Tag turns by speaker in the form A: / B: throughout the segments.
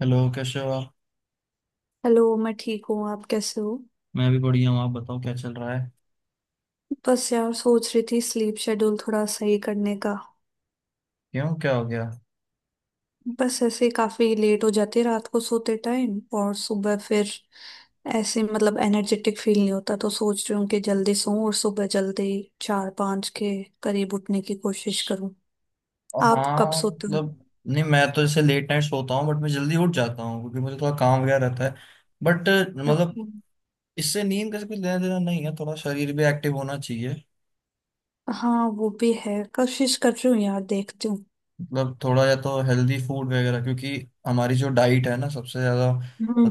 A: Hello कैसे हो आप।
B: हेलो। मैं ठीक हूँ। आप कैसे हो?
A: मैं भी बढ़िया हूँ, आप बताओ क्या चल रहा है।
B: बस यार, सोच रही थी स्लीप शेड्यूल थोड़ा सही करने का।
A: क्यों, क्या हो गया।
B: बस ऐसे ही काफी लेट हो जाती है रात को सोते टाइम, और सुबह फिर ऐसे मतलब एनर्जेटिक फील नहीं होता। तो सोच रही हूँ कि जल्दी सोऊं और सुबह जल्दी 4-5 के करीब उठने की कोशिश करूँ। आप कब
A: हाँ,
B: सोते हो?
A: मतलब नहीं, मैं तो जैसे लेट नाइट सोता हूँ बट मैं जल्दी उठ जाता हूँ क्योंकि मुझे थोड़ा काम वगैरह रहता है। बट मतलब
B: अच्छा।
A: इससे नींद का कुछ लेना देना नहीं है, थोड़ा शरीर भी एक्टिव होना चाहिए।
B: हाँ वो भी है, कोशिश कर रही हूँ यार, देखती हूँ।
A: मतलब थोड़ा या तो हेल्दी फूड वगैरह, क्योंकि हमारी जो डाइट है ना, सबसे ज़्यादा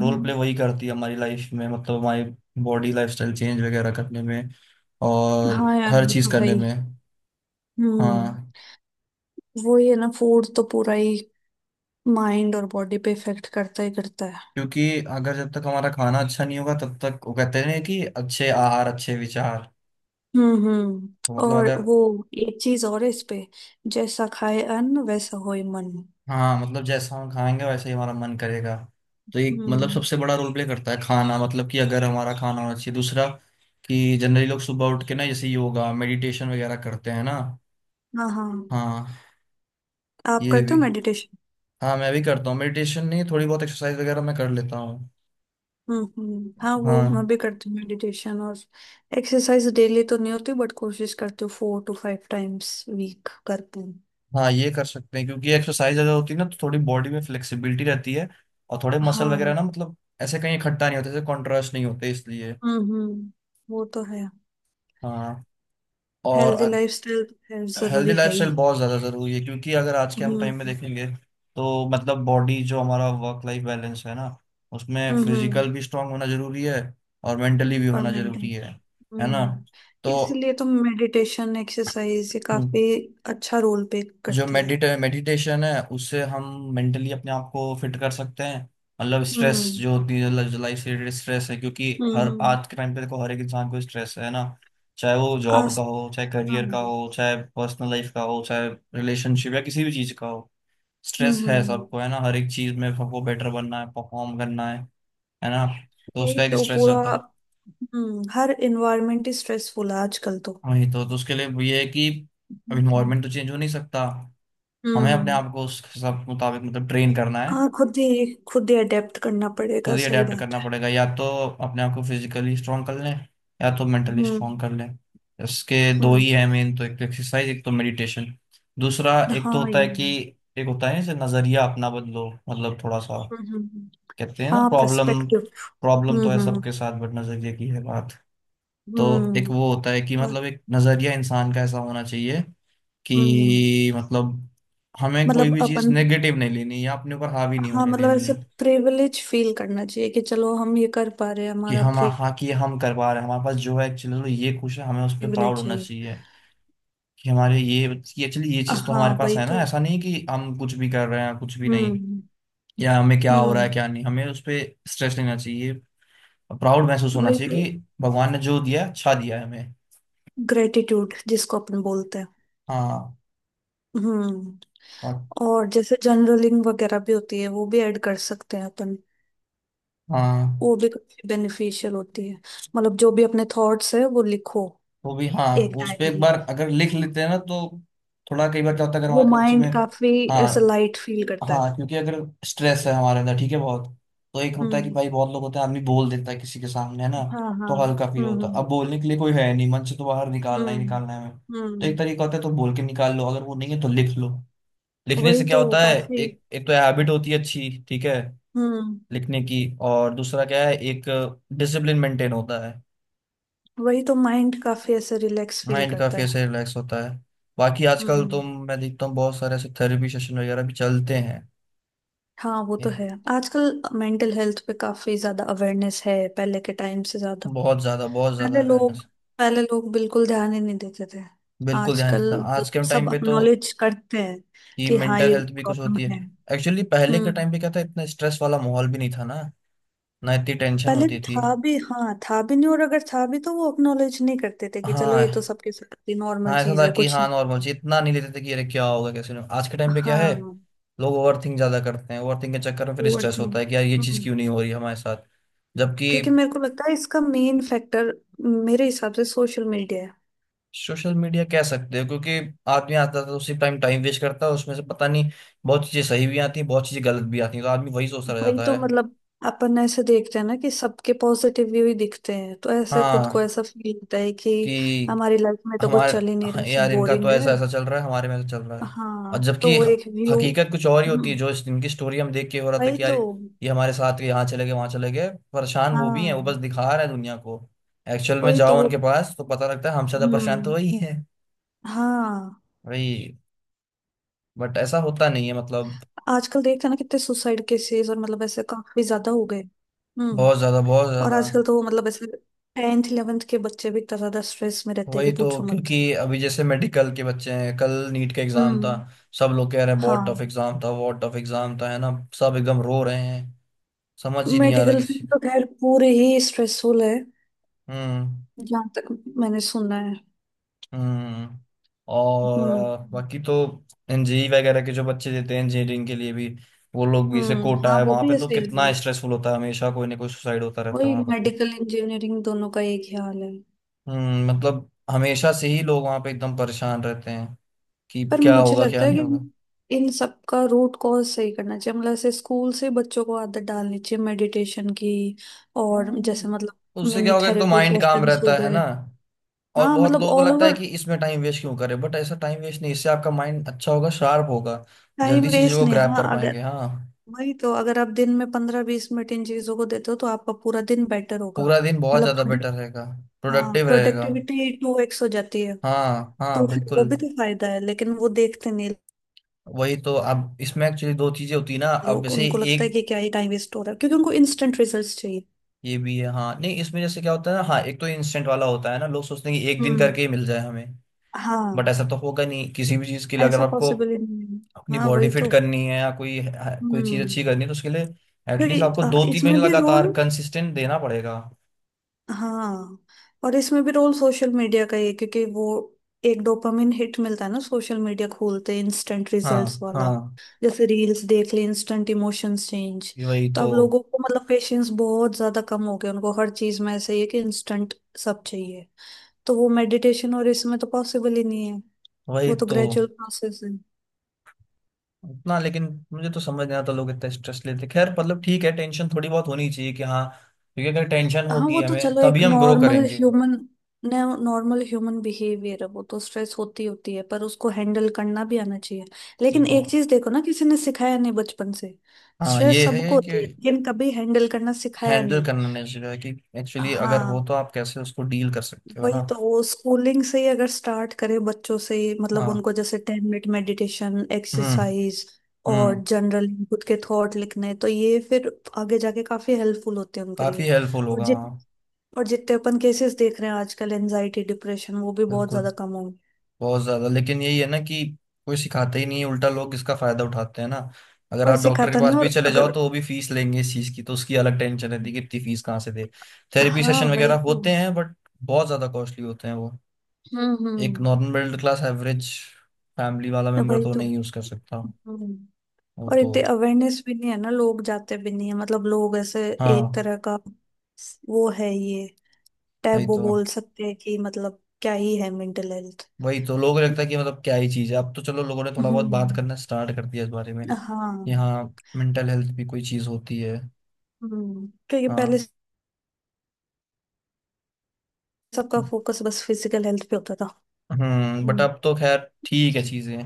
A: रोल प्ले वही करती है हमारी लाइफ में, मतलब हमारी बॉडी लाइफस्टाइल चेंज वगैरह करने में और
B: हाँ यार,
A: हर
B: वो
A: चीज़
B: तो है
A: करने में।
B: ही। हम्म।
A: हाँ,
B: वही है ना, फूड तो पूरा ही माइंड और बॉडी पे इफेक्ट करता ही करता है।
A: क्योंकि अगर जब तक हमारा खाना अच्छा नहीं होगा तब तक, वो कहते हैं कि अच्छे आहार अच्छे विचार।
B: हम्म,
A: तो
B: हम्म।
A: मतलब
B: और
A: अगर,
B: वो एक चीज और है इस पे — जैसा खाए अन्न वैसा होए मन।
A: हाँ, मतलब जैसा हम खाएंगे वैसे ही हमारा मन करेगा। तो एक मतलब
B: हम्म।
A: सबसे बड़ा रोल प्ले करता है खाना, मतलब कि अगर हमारा खाना होना चाहिए। दूसरा कि जनरली लोग सुबह उठ के ना जैसे योगा मेडिटेशन वगैरह करते हैं ना।
B: हाँ, हाँ।
A: हाँ,
B: आप
A: ये
B: करते
A: भी,
B: हो मेडिटेशन?
A: हाँ, मैं भी करता हूँ। मेडिटेशन नहीं, थोड़ी बहुत एक्सरसाइज वगैरह मैं कर लेता हूँ।
B: हम्म, हम्म। हाँ वो मैं
A: हाँ।
B: भी करती हूँ मेडिटेशन। और एक्सरसाइज डेली तो नहीं होती बट कोशिश करती हूँ 4 to 5 टाइम्स वीक करती हूँ।
A: हाँ, ये कर सकते हैं, क्योंकि एक्सरसाइज ज्यादा होती है ना तो थोड़ी बॉडी में फ्लेक्सिबिलिटी रहती है, और थोड़े मसल वगैरह
B: हाँ।
A: ना, मतलब ऐसे कहीं इकट्ठा नहीं होते, ऐसे कॉन्ट्रास्ट नहीं होते इसलिए।
B: हम्म, हम्म। वो तो है।
A: हाँ
B: हेल्दी
A: और
B: लाइफस्टाइल
A: हेल्दी
B: जरूरी है ही।
A: लाइफस्टाइल बहुत ज़्यादा ज़रूरी है, क्योंकि अगर आज के हम
B: हम्म,
A: टाइम में देखेंगे तो, मतलब बॉडी, जो हमारा वर्क लाइफ बैलेंस है ना, उसमें
B: हम्म। हम्म।
A: फिजिकल भी स्ट्रांग होना जरूरी है, और मेंटली भी
B: और
A: होना
B: मेंटेन।
A: जरूरी है ना।
B: हम्म।
A: तो
B: इसलिए तो मेडिटेशन एक्सरसाइज ये
A: हम्म,
B: काफी अच्छा रोल प्ले
A: जो
B: करती है।
A: मेडिटेशन है उससे हम मेंटली अपने आप को फिट कर सकते हैं। मतलब स्ट्रेस
B: हम्म,
A: जो होती है, लाइफ से रिलेटेड स्ट्रेस है, क्योंकि हर
B: हम्म।
A: आज के टाइम पे देखो हर एक इंसान को स्ट्रेस है ना, चाहे वो जॉब का
B: आस्था।
A: हो, चाहे करियर का
B: हम्म,
A: हो, चाहे पर्सनल लाइफ का हो, चाहे रिलेशनशिप या किसी भी चीज का हो। स्ट्रेस
B: हम्म,
A: है, सबको है ना, हर एक चीज में सबको बेटर बनना है, परफॉर्म करना है ना। तो
B: वही
A: उसका एक
B: तो
A: स्ट्रेस
B: पूरा।
A: रहता है।
B: हम्म। हर इन्वायरमेंट ही स्ट्रेसफुल है आजकल तो।
A: वही तो उसके लिए ये है कि अब
B: हम्म।
A: इन्वायरमेंट तो चेंज हो नहीं सकता, हमें अपने
B: हम्म।
A: आप को उस सब मुताबिक मतलब ट्रेन करना है।
B: हाँ, खुद ही अडेप्ट करना
A: खुद
B: पड़ेगा।
A: ही
B: सही
A: अडेप्ट
B: बात
A: करना
B: है।
A: पड़ेगा, या तो अपने आप को फिजिकली स्ट्रांग कर लें या तो मेंटली
B: हम्म।
A: स्ट्रांग कर लें। इसके दो ही
B: हम्म।
A: है मेन, तो एक तो एक्सरसाइज, एक तो मेडिटेशन। दूसरा एक तो
B: हाँ
A: होता
B: ये।
A: है कि,
B: हम्म।
A: एक होता है जैसे नजरिया अपना बदलो, मतलब थोड़ा सा
B: हम्म, हम्म।
A: कहते हैं ना,
B: हाँ,
A: प्रॉब्लम,
B: प्रस्पेक्टिव।
A: प्रॉब्लम
B: हम्म,
A: तो है
B: हम्म।
A: सबके साथ बट नजरिए की है बात। तो एक
B: हम्म,
A: वो होता है कि मतलब एक नजरिया इंसान का ऐसा होना चाहिए
B: हम्म।
A: कि मतलब हमें कोई
B: मतलब
A: भी चीज़
B: अपन।
A: नेगेटिव नहीं लेनी, या अपने ऊपर हावी नहीं
B: हाँ
A: होने
B: मतलब
A: देनी
B: ऐसे
A: है।
B: प्रिविलेज फील करना चाहिए कि चलो हम ये कर पा रहे हैं,
A: कि
B: हमारा।
A: हम, हाँ, कि हम करवा रहे हैं, हमारे पास जो है एक्चुअली तो ये खुश है, हमें उस पर प्राउड
B: प्रिविलेज है
A: होना
B: ये।
A: चाहिए कि हमारे ये एक्चुअली ये चीज़ तो
B: हाँ,
A: हमारे पास
B: वही
A: है ना,
B: तो।
A: ऐसा नहीं कि हम कुछ भी कर रहे हैं, कुछ भी नहीं।
B: हम्म,
A: या हमें क्या हो रहा है
B: हम्म।
A: क्या नहीं, हमें उस पर स्ट्रेस लेना चाहिए। प्राउड महसूस होना
B: वही
A: चाहिए
B: तो,
A: कि भगवान ने जो दिया, अच्छा दिया है हमें।
B: ग्रेटिट्यूड जिसको अपन बोलते हैं।
A: हाँ
B: हम्म।
A: और,
B: और जैसे जर्नलिंग वगैरह भी होती है, वो भी ऐड कर सकते हैं अपन।
A: हाँ,
B: वो भी काफी बेनिफिशियल होती है। मतलब जो भी अपने थॉट्स है वो लिखो।
A: वो भी, हाँ,
B: एक
A: उस पर
B: डायरी
A: एक
B: में।
A: बार अगर लिख लेते हैं ना तो, थोड़ा कई बार क्या होता है अगर
B: वो
A: हमारे किसी चीज़ में।
B: माइंड काफी
A: हाँ,
B: ऐसा लाइट फील करता है।
A: हाँ, क्योंकि अगर स्ट्रेस है हमारे अंदर, ठीक है, बहुत। तो एक होता है कि
B: हम्म।
A: भाई, बहुत लोग होते हैं, आदमी बोल देता है किसी के सामने, है ना,
B: हाँ, हाँ।
A: तो हल्का फील होता है।
B: हम्म,
A: अब बोलने के लिए कोई है नहीं, मन से तो बाहर निकालना ही
B: हम्म,
A: निकालना है हमें। तो
B: हम्म।
A: एक तरीका होता है, तो बोल के निकाल लो, अगर वो नहीं है तो लिख लो। लिखने
B: वही
A: से क्या
B: तो
A: होता है,
B: काफी।
A: एक एक तो हैबिट होती है अच्छी, ठीक है,
B: हम्म।
A: लिखने की। और दूसरा क्या है, एक डिसिप्लिन मेंटेन होता है,
B: वही तो माइंड काफी ऐसे रिलैक्स फील
A: माइंड
B: करता
A: काफी
B: है।
A: ऐसे रिलैक्स होता है। बाकी आजकल तो
B: हम्म।
A: मैं देखता हूँ बहुत सारे ऐसे थेरेपी सेशन वगैरह भी चलते हैं।
B: हाँ वो तो है। आजकल मेंटल हेल्थ पे काफी ज्यादा अवेयरनेस है पहले के टाइम से ज्यादा।
A: बहुत ज्यादा
B: पहले लोग
A: अवेयरनेस।
B: पहले लोग बिल्कुल ध्यान ही नहीं देते थे।
A: बिल्कुल ध्यान
B: आजकल
A: देता था आज के
B: सब
A: टाइम पे तो,
B: अक्नॉलेज करते हैं
A: ये
B: कि हाँ
A: मेंटल
B: ये
A: हेल्थ भी कुछ
B: प्रॉब्लम
A: होती है।
B: है।
A: एक्चुअली पहले के
B: हम्म।
A: टाइम पे क्या था, इतना स्ट्रेस वाला माहौल भी नहीं था ना, ना इतनी टेंशन
B: पहले
A: होती थी।
B: था भी, हाँ, था भी नहीं, और अगर था भी तो वो अक्नॉलेज नहीं करते थे कि चलो ये तो
A: हाँ,
B: सबके साथ ही
A: हाँ,
B: नॉर्मल
A: ऐसा
B: चीज
A: था
B: है,
A: कि
B: कुछ
A: हाँ,
B: नहीं।
A: नॉर्मल चीज, इतना नहीं लेते थे कि अरे क्या होगा, कैसे नहीं होगा। आज के टाइम पे क्या है,
B: हाँ।
A: लोग ओवर थिंक ज्यादा करते हैं, ओवर थिंक के चक्कर में फिर
B: ओवर
A: स्ट्रेस होता
B: थिंक।
A: है कि यार ये चीज क्यों नहीं हो रही हमारे साथ। जबकि
B: क्योंकि मेरे को लगता है इसका मेन फैक्टर, मेरे हिसाब से सोशल मीडिया है।
A: सोशल मीडिया कह सकते हो, क्योंकि आदमी आता था तो उसी टाइम टाइम वेस्ट करता है, उसमें से पता नहीं, बहुत चीजें सही भी आती हैं, बहुत चीजें गलत भी आती हैं, तो आदमी वही सोचता रह
B: वही
A: जाता
B: तो
A: है।
B: मतलब, अपन ऐसे देखते हैं ना कि सबके पॉजिटिव व्यू ही दिखते हैं, तो ऐसे खुद को
A: हाँ,
B: ऐसा फील होता है कि
A: कि
B: हमारी लाइफ में तो कुछ
A: हमारे,
B: चल ही नहीं
A: हाँ,
B: रहा, सब
A: यार इनका तो
B: बोरिंग
A: ऐसा
B: है।
A: ऐसा चल रहा है, हमारे में ऐसा चल रहा है। और
B: हाँ, तो
A: जबकि
B: वो एक व्यू।
A: हकीकत कुछ और ही होती है,
B: हम्म।
A: जो इनकी स्टोरी हम देख के हो रहा था
B: वही
A: कि यार
B: तो।
A: ये हमारे साथ, यहाँ चले गए, वहां चले गए, परेशान वो भी हैं, वो बस
B: हाँ,
A: दिखा रहे हैं दुनिया को। एक्चुअल में
B: वही तो
A: जाओ
B: वो।
A: उनके पास तो पता लगता है हम ज्यादा परेशान तो
B: हम्म।
A: वही है।
B: हाँ।
A: वही, बट ऐसा होता नहीं है मतलब।
B: आजकल देखते हैं ना कितने सुसाइड केसेस, और मतलब ऐसे काफी ज्यादा हो गए। हम्म।
A: बहुत ज्यादा बहुत
B: और
A: ज्यादा।
B: आजकल तो वो मतलब ऐसे टेंथ इलेवेंथ के बच्चे भी इतना ज्यादा स्ट्रेस में रहते हैं कि
A: वही तो,
B: पूछो मत।
A: क्योंकि अभी जैसे मेडिकल के बच्चे हैं, कल नीट का एग्जाम था,
B: हम्म।
A: सब लोग कह रहे हैं बहुत
B: हाँ
A: टफ एग्जाम था, बहुत टफ एग्जाम था, है ना, सब एकदम रो रहे हैं, समझ ही नहीं आ रहा
B: मेडिकल
A: किसी।
B: फील्ड तो खैर पूरे ही स्ट्रेसफुल है।
A: हम्म
B: जहाँ तक मैंने सुना है।
A: हम्म। और
B: हम्म।
A: बाकी तो एनजीई वगैरह के जो बच्चे देते हैं इंजीनियरिंग के लिए भी, वो लोग भी जैसे
B: हम्म।
A: कोटा
B: हाँ
A: है,
B: वो
A: वहां पे
B: भी
A: तो
B: ऐसे ही
A: कितना
B: है।
A: स्ट्रेसफुल होता है, हमेशा कोई ना कोई सुसाइड होता रहता है
B: वही,
A: वहां पर तो।
B: मेडिकल इंजीनियरिंग दोनों का एक ही हाल है।
A: हम्म, मतलब हमेशा से ही लोग वहां पे एकदम परेशान रहते हैं कि
B: पर
A: क्या
B: मुझे
A: होगा क्या
B: लगता है
A: नहीं होगा।
B: कि इन सब का रूट कॉज सही करना चाहिए। मतलब ऐसे स्कूल से बच्चों को आदत डालनी चाहिए मेडिटेशन की। और
A: हम्म,
B: जैसे मतलब
A: उससे क्या
B: मिनी
A: होगा, एक तो
B: थेरेपी
A: माइंड काम
B: सेशंस
A: रहता
B: हो
A: है ना।
B: गए।
A: और
B: हाँ
A: बहुत
B: मतलब
A: लोगों को
B: ऑल
A: लगता है
B: ओवर।
A: कि इसमें टाइम वेस्ट क्यों करें, बट ऐसा टाइम वेस्ट नहीं, इससे आपका माइंड अच्छा होगा, शार्प होगा,
B: टाइम
A: जल्दी
B: वेस्ट
A: चीजों को
B: नहीं।
A: ग्रैब
B: हाँ
A: कर
B: अगर।
A: पाएंगे। हाँ
B: वही तो, अगर आप दिन में 15-20 मिनट इन चीजों को देते हो तो आपका पूरा दिन बेटर होगा।
A: पूरा दिन बहुत
B: मतलब
A: ज्यादा
B: प्रोडक्ट।
A: बेटर रहेगा,
B: हाँ
A: प्रोडक्टिव रहेगा।
B: प्रोडक्टिविटी 2x हो जाती है।
A: हाँ,
B: तो
A: हाँ,
B: फिर वो
A: बिल्कुल।
B: भी तो फायदा है, लेकिन वो देखते नहीं।
A: वही तो, अब इसमें एक्चुअली दो चीजें होती है ना, अब
B: लोग,
A: जैसे
B: उनको लगता है
A: एक,
B: कि क्या ही टाइम वेस्ट हो रहा है, क्योंकि उनको इंस्टेंट रिजल्ट्स चाहिए।
A: ये भी है, हाँ, नहीं, इसमें जैसे क्या होता है ना, हाँ, एक तो इंस्टेंट वाला होता है ना, लोग सोचते हैं कि एक दिन
B: हम्म।
A: करके ही मिल जाए हमें,
B: हाँ।
A: बट ऐसा तो होगा नहीं। किसी भी चीज के लिए, अगर
B: ऐसा
A: आपको
B: पॉसिबल ही नहीं है।
A: अपनी
B: हाँ
A: बॉडी
B: वही
A: फिट
B: तो।
A: करनी है या कोई, हाँ, कोई चीज
B: हम्म।
A: अच्छी करनी है, तो उसके लिए
B: क्योंकि
A: एटलीस्ट आपको 2 3 महीने
B: इसमें भी रोल।
A: लगातार कंसिस्टेंट देना पड़ेगा।
B: हाँ। और इसमें भी रोल सोशल मीडिया का ही है क्योंकि वो एक डोपामिन हिट मिलता है ना सोशल मीडिया खोलते, इंस्टेंट
A: हाँ,
B: रिजल्ट्स वाला।
A: हाँ,
B: जैसे रील्स देख ले, इंस्टेंट इमोशंस चेंज।
A: ये वही
B: तो
A: तो,
B: अब लोगों को मतलब पेशेंस बहुत ज्यादा कम हो गया। उनको हर चीज में ऐसे ही है कि इंस्टेंट सब चाहिए। तो वो मेडिटेशन और इसमें तो पॉसिबल ही नहीं है।
A: वही
B: वो तो
A: तो,
B: ग्रेजुअल प्रोसेस है।
A: उतना लेकिन। मुझे तो समझ नहीं आता लोग इतना स्ट्रेस लेते, खैर मतलब ठीक है, टेंशन थोड़ी बहुत होनी चाहिए कि हाँ, क्योंकि अगर टेंशन
B: हाँ
A: होगी
B: वो तो
A: हमें
B: चलो,
A: तभी
B: एक
A: हम ग्रो
B: नॉर्मल
A: करेंगे।
B: ह्यूमन नॉर्मल ह्यूमन बिहेवियर है। वो तो स्ट्रेस होती होती है, पर उसको हैंडल करना भी आना चाहिए।
A: ये
B: लेकिन
A: तो,
B: एक चीज देखो ना, किसी ने सिखाया नहीं बचपन से।
A: हाँ,
B: स्ट्रेस
A: ये
B: सबको
A: है कि
B: होती है लेकिन कभी हैंडल करना सिखाया
A: हैंडल
B: नहीं।
A: करना नहीं, चाहिए कि एक्चुअली अगर
B: हाँ
A: हो तो आप कैसे उसको डील कर सकते हो, है
B: वही
A: ना।
B: तो, वो स्कूलिंग से ही अगर स्टार्ट करे बच्चों से ही, मतलब
A: हाँ।
B: उनको जैसे 10 मिनट मेडिटेशन
A: हम्म
B: एक्सरसाइज। और
A: हम्म।
B: जनरल खुद के थॉट लिखने, तो ये फिर आगे जाके काफी हेल्पफुल होते हैं उनके
A: काफी
B: लिए।
A: हेल्पफुल
B: और
A: होगा, हाँ,
B: और जितने अपन केसेस देख रहे हैं आजकल एनजाइटी डिप्रेशन, वो भी बहुत
A: बिल्कुल।
B: ज्यादा कम हो गए।
A: बहुत ज्यादा, लेकिन यही है ना कि कोई सिखाता ही नहीं है, उल्टा लोग इसका फायदा उठाते हैं ना। अगर
B: कोई
A: आप डॉक्टर के
B: सिखाता
A: पास
B: नहीं,
A: भी
B: और
A: चले जाओ
B: अगर।
A: तो वो भी फीस लेंगे इस चीज की, तो उसकी अलग टेंशन रहती है कि इतनी फीस कहाँ से दे। थेरेपी
B: हाँ
A: सेशन
B: वही
A: वगैरह
B: तो।
A: होते हैं बट बहुत ज्यादा कॉस्टली होते हैं वो,
B: हम्म,
A: एक
B: हम्म।
A: Normal middle class average family वाला
B: तो
A: मेंबर
B: वही
A: तो
B: तो।
A: नहीं यूज कर सकता
B: हम्म।
A: वो
B: और
A: तो।
B: इतने अवेयरनेस भी नहीं है ना, लोग जाते भी नहीं है, मतलब लोग ऐसे। एक
A: हाँ
B: तरह का। वो है ये।
A: वही
B: टैबू
A: तो,
B: बोल सकते हैं कि मतलब क्या ही है मेंटल हेल्थ।
A: वही तो लोगों को लगता है कि मतलब क्या ही चीज है, अब तो चलो लोगों ने थोड़ा बहुत बात
B: हम्म।
A: करना स्टार्ट कर दिया इस बारे में
B: हाँ।
A: कि हाँ मेंटल हेल्थ भी कोई चीज होती है।
B: हम्म। क्योंकि पहले
A: हाँ,
B: सबका फोकस बस फिजिकल हेल्थ पे होता था।
A: हम्म, बट
B: हम्म।
A: अब तो खैर ठीक है, चीज़ें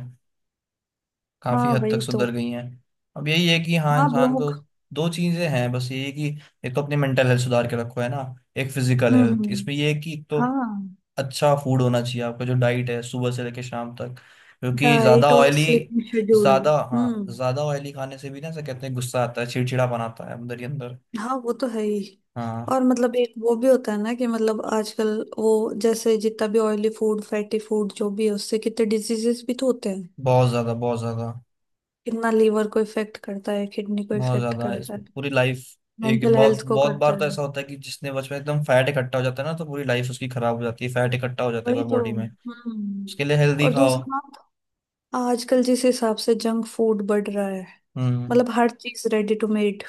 A: काफ़ी
B: हाँ
A: हद तक
B: वही तो।
A: सुधर गई हैं। अब यही है कि हाँ,
B: हाँ अब
A: इंसान
B: लोग।
A: को दो चीज़ें हैं, बस यही कि एक तो अपनी मेंटल हेल्थ सुधार के रखो, है ना, एक फिजिकल
B: हम्म,
A: हेल्थ।
B: हम्म।
A: इसमें ये है कि एक तो
B: हाँ,
A: अच्छा फूड होना चाहिए, आपका जो डाइट है सुबह से लेकर शाम तक, क्योंकि
B: डाइट
A: ज़्यादा
B: और
A: ऑयली,
B: स्लीपिंग शेड्यूल।
A: ज़्यादा, हाँ,
B: हम्म।
A: ज़्यादा ऑयली खाने से भी ना ऐसा कहते हैं गुस्सा आता है, चिड़चिड़ापन आता है अंदर ही अंदर।
B: हाँ वो तो है ही।
A: हाँ,
B: और मतलब एक वो भी होता है ना कि मतलब आजकल, वो जैसे जितना भी ऑयली फूड फैटी फूड जो भी है, उससे कितने डिजीजेस भी तो होते हैं।
A: बहुत ज़्यादा बहुत ज़्यादा।
B: कितना लीवर को इफेक्ट करता है, किडनी को
A: बहुत
B: इफेक्ट
A: ज्यादा,
B: करता है,
A: इसमें पूरी लाइफ एक,
B: मेंटल
A: बहुत
B: हेल्थ को
A: बहुत
B: करता
A: बार
B: है।
A: तो ऐसा होता है कि जिसने बचपन में एकदम फैट इकट्ठा हो जाता है ना, तो पूरी लाइफ उसकी खराब हो जाती है, फैट इकट्ठा हो जाता है एक
B: वही
A: बार
B: तो।
A: बॉडी में।
B: हम्म।
A: उसके लिए हेल्दी
B: और
A: खाओ।
B: दूसरी बात, आजकल जिस हिसाब से जंक फूड बढ़ रहा है।
A: हम्म।
B: मतलब हर चीज रेडी टू मेड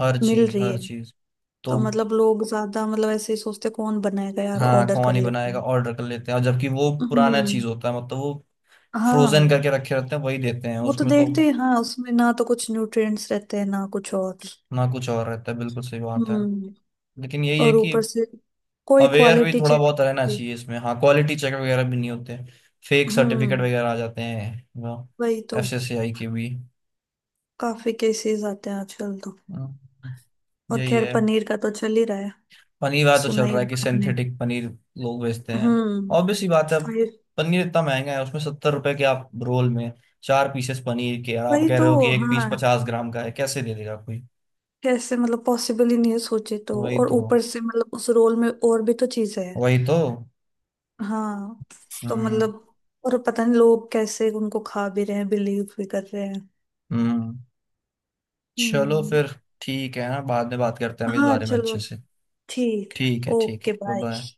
B: मिल रही है।
A: हर चीज तो,
B: तो मतलब लोग ज्यादा, मतलब ऐसे ही सोचते कौन बनाएगा यार,
A: हाँ,
B: ऑर्डर कर
A: कौन ही
B: लेते
A: बनाएगा,
B: हैं।
A: ऑर्डर कर लेते हैं। और जबकि वो पुराना
B: हम्म।
A: चीज होता है, मतलब वो
B: हाँ
A: फ्रोजन करके रखे रहते हैं, वही देते हैं,
B: वो तो
A: उसमें तो
B: देखते हैं, हाँ उसमें ना तो कुछ न्यूट्रिएंट्स रहते हैं ना कुछ और।
A: ना कुछ और रहता है। बिल्कुल सही बात है,
B: हम्म।
A: लेकिन यही है
B: और
A: कि
B: ऊपर से कोई
A: अवेयर भी
B: क्वालिटी
A: थोड़ा
B: चेक।
A: बहुत रहना चाहिए इसमें। हाँ क्वालिटी चेक वगैरह भी नहीं होते, फेक
B: हम्म।
A: सर्टिफिकेट वगैरह आ जाते हैं,
B: वही तो।
A: FSSAI के भी।
B: काफी केसेस आते हैं आजकल तो।
A: हम्म,
B: और
A: यही
B: खैर
A: है,
B: पनीर का तो चल ही रहा है,
A: पनीर वाला तो
B: सुना
A: चल
B: ही
A: रहा है कि
B: होगा आपने।
A: सिंथेटिक पनीर लोग बेचते हैं।
B: हम्म।
A: ऑब्वियस सी बात है, अब
B: फाइव।
A: पनीर इतना महंगा है, उसमें 70 रुपए के आप रोल में चार पीसेस पनीर के, और आप
B: वही
A: कह
B: तो।
A: रहे हो कि एक पीस
B: हाँ
A: 50 ग्राम का है, कैसे दे देगा कोई।
B: कैसे, मतलब पॉसिबल ही नहीं है सोचे तो,
A: वही
B: और
A: तो,
B: ऊपर से मतलब उस रोल में और भी तो चीजें हैं।
A: वही तो।
B: हाँ तो
A: हम्म
B: मतलब। और पता नहीं लोग कैसे उनको खा भी रहे हैं, बिलीव भी कर रहे हैं।
A: हम्म। चलो
B: हम्म।
A: फिर, ठीक है ना, बाद में बात करते हैं हम इस
B: हाँ
A: बारे में
B: चलो,
A: अच्छे से।
B: ठीक है।
A: ठीक है, ठीक है,
B: ओके,
A: बाय
B: बाय।
A: बाय।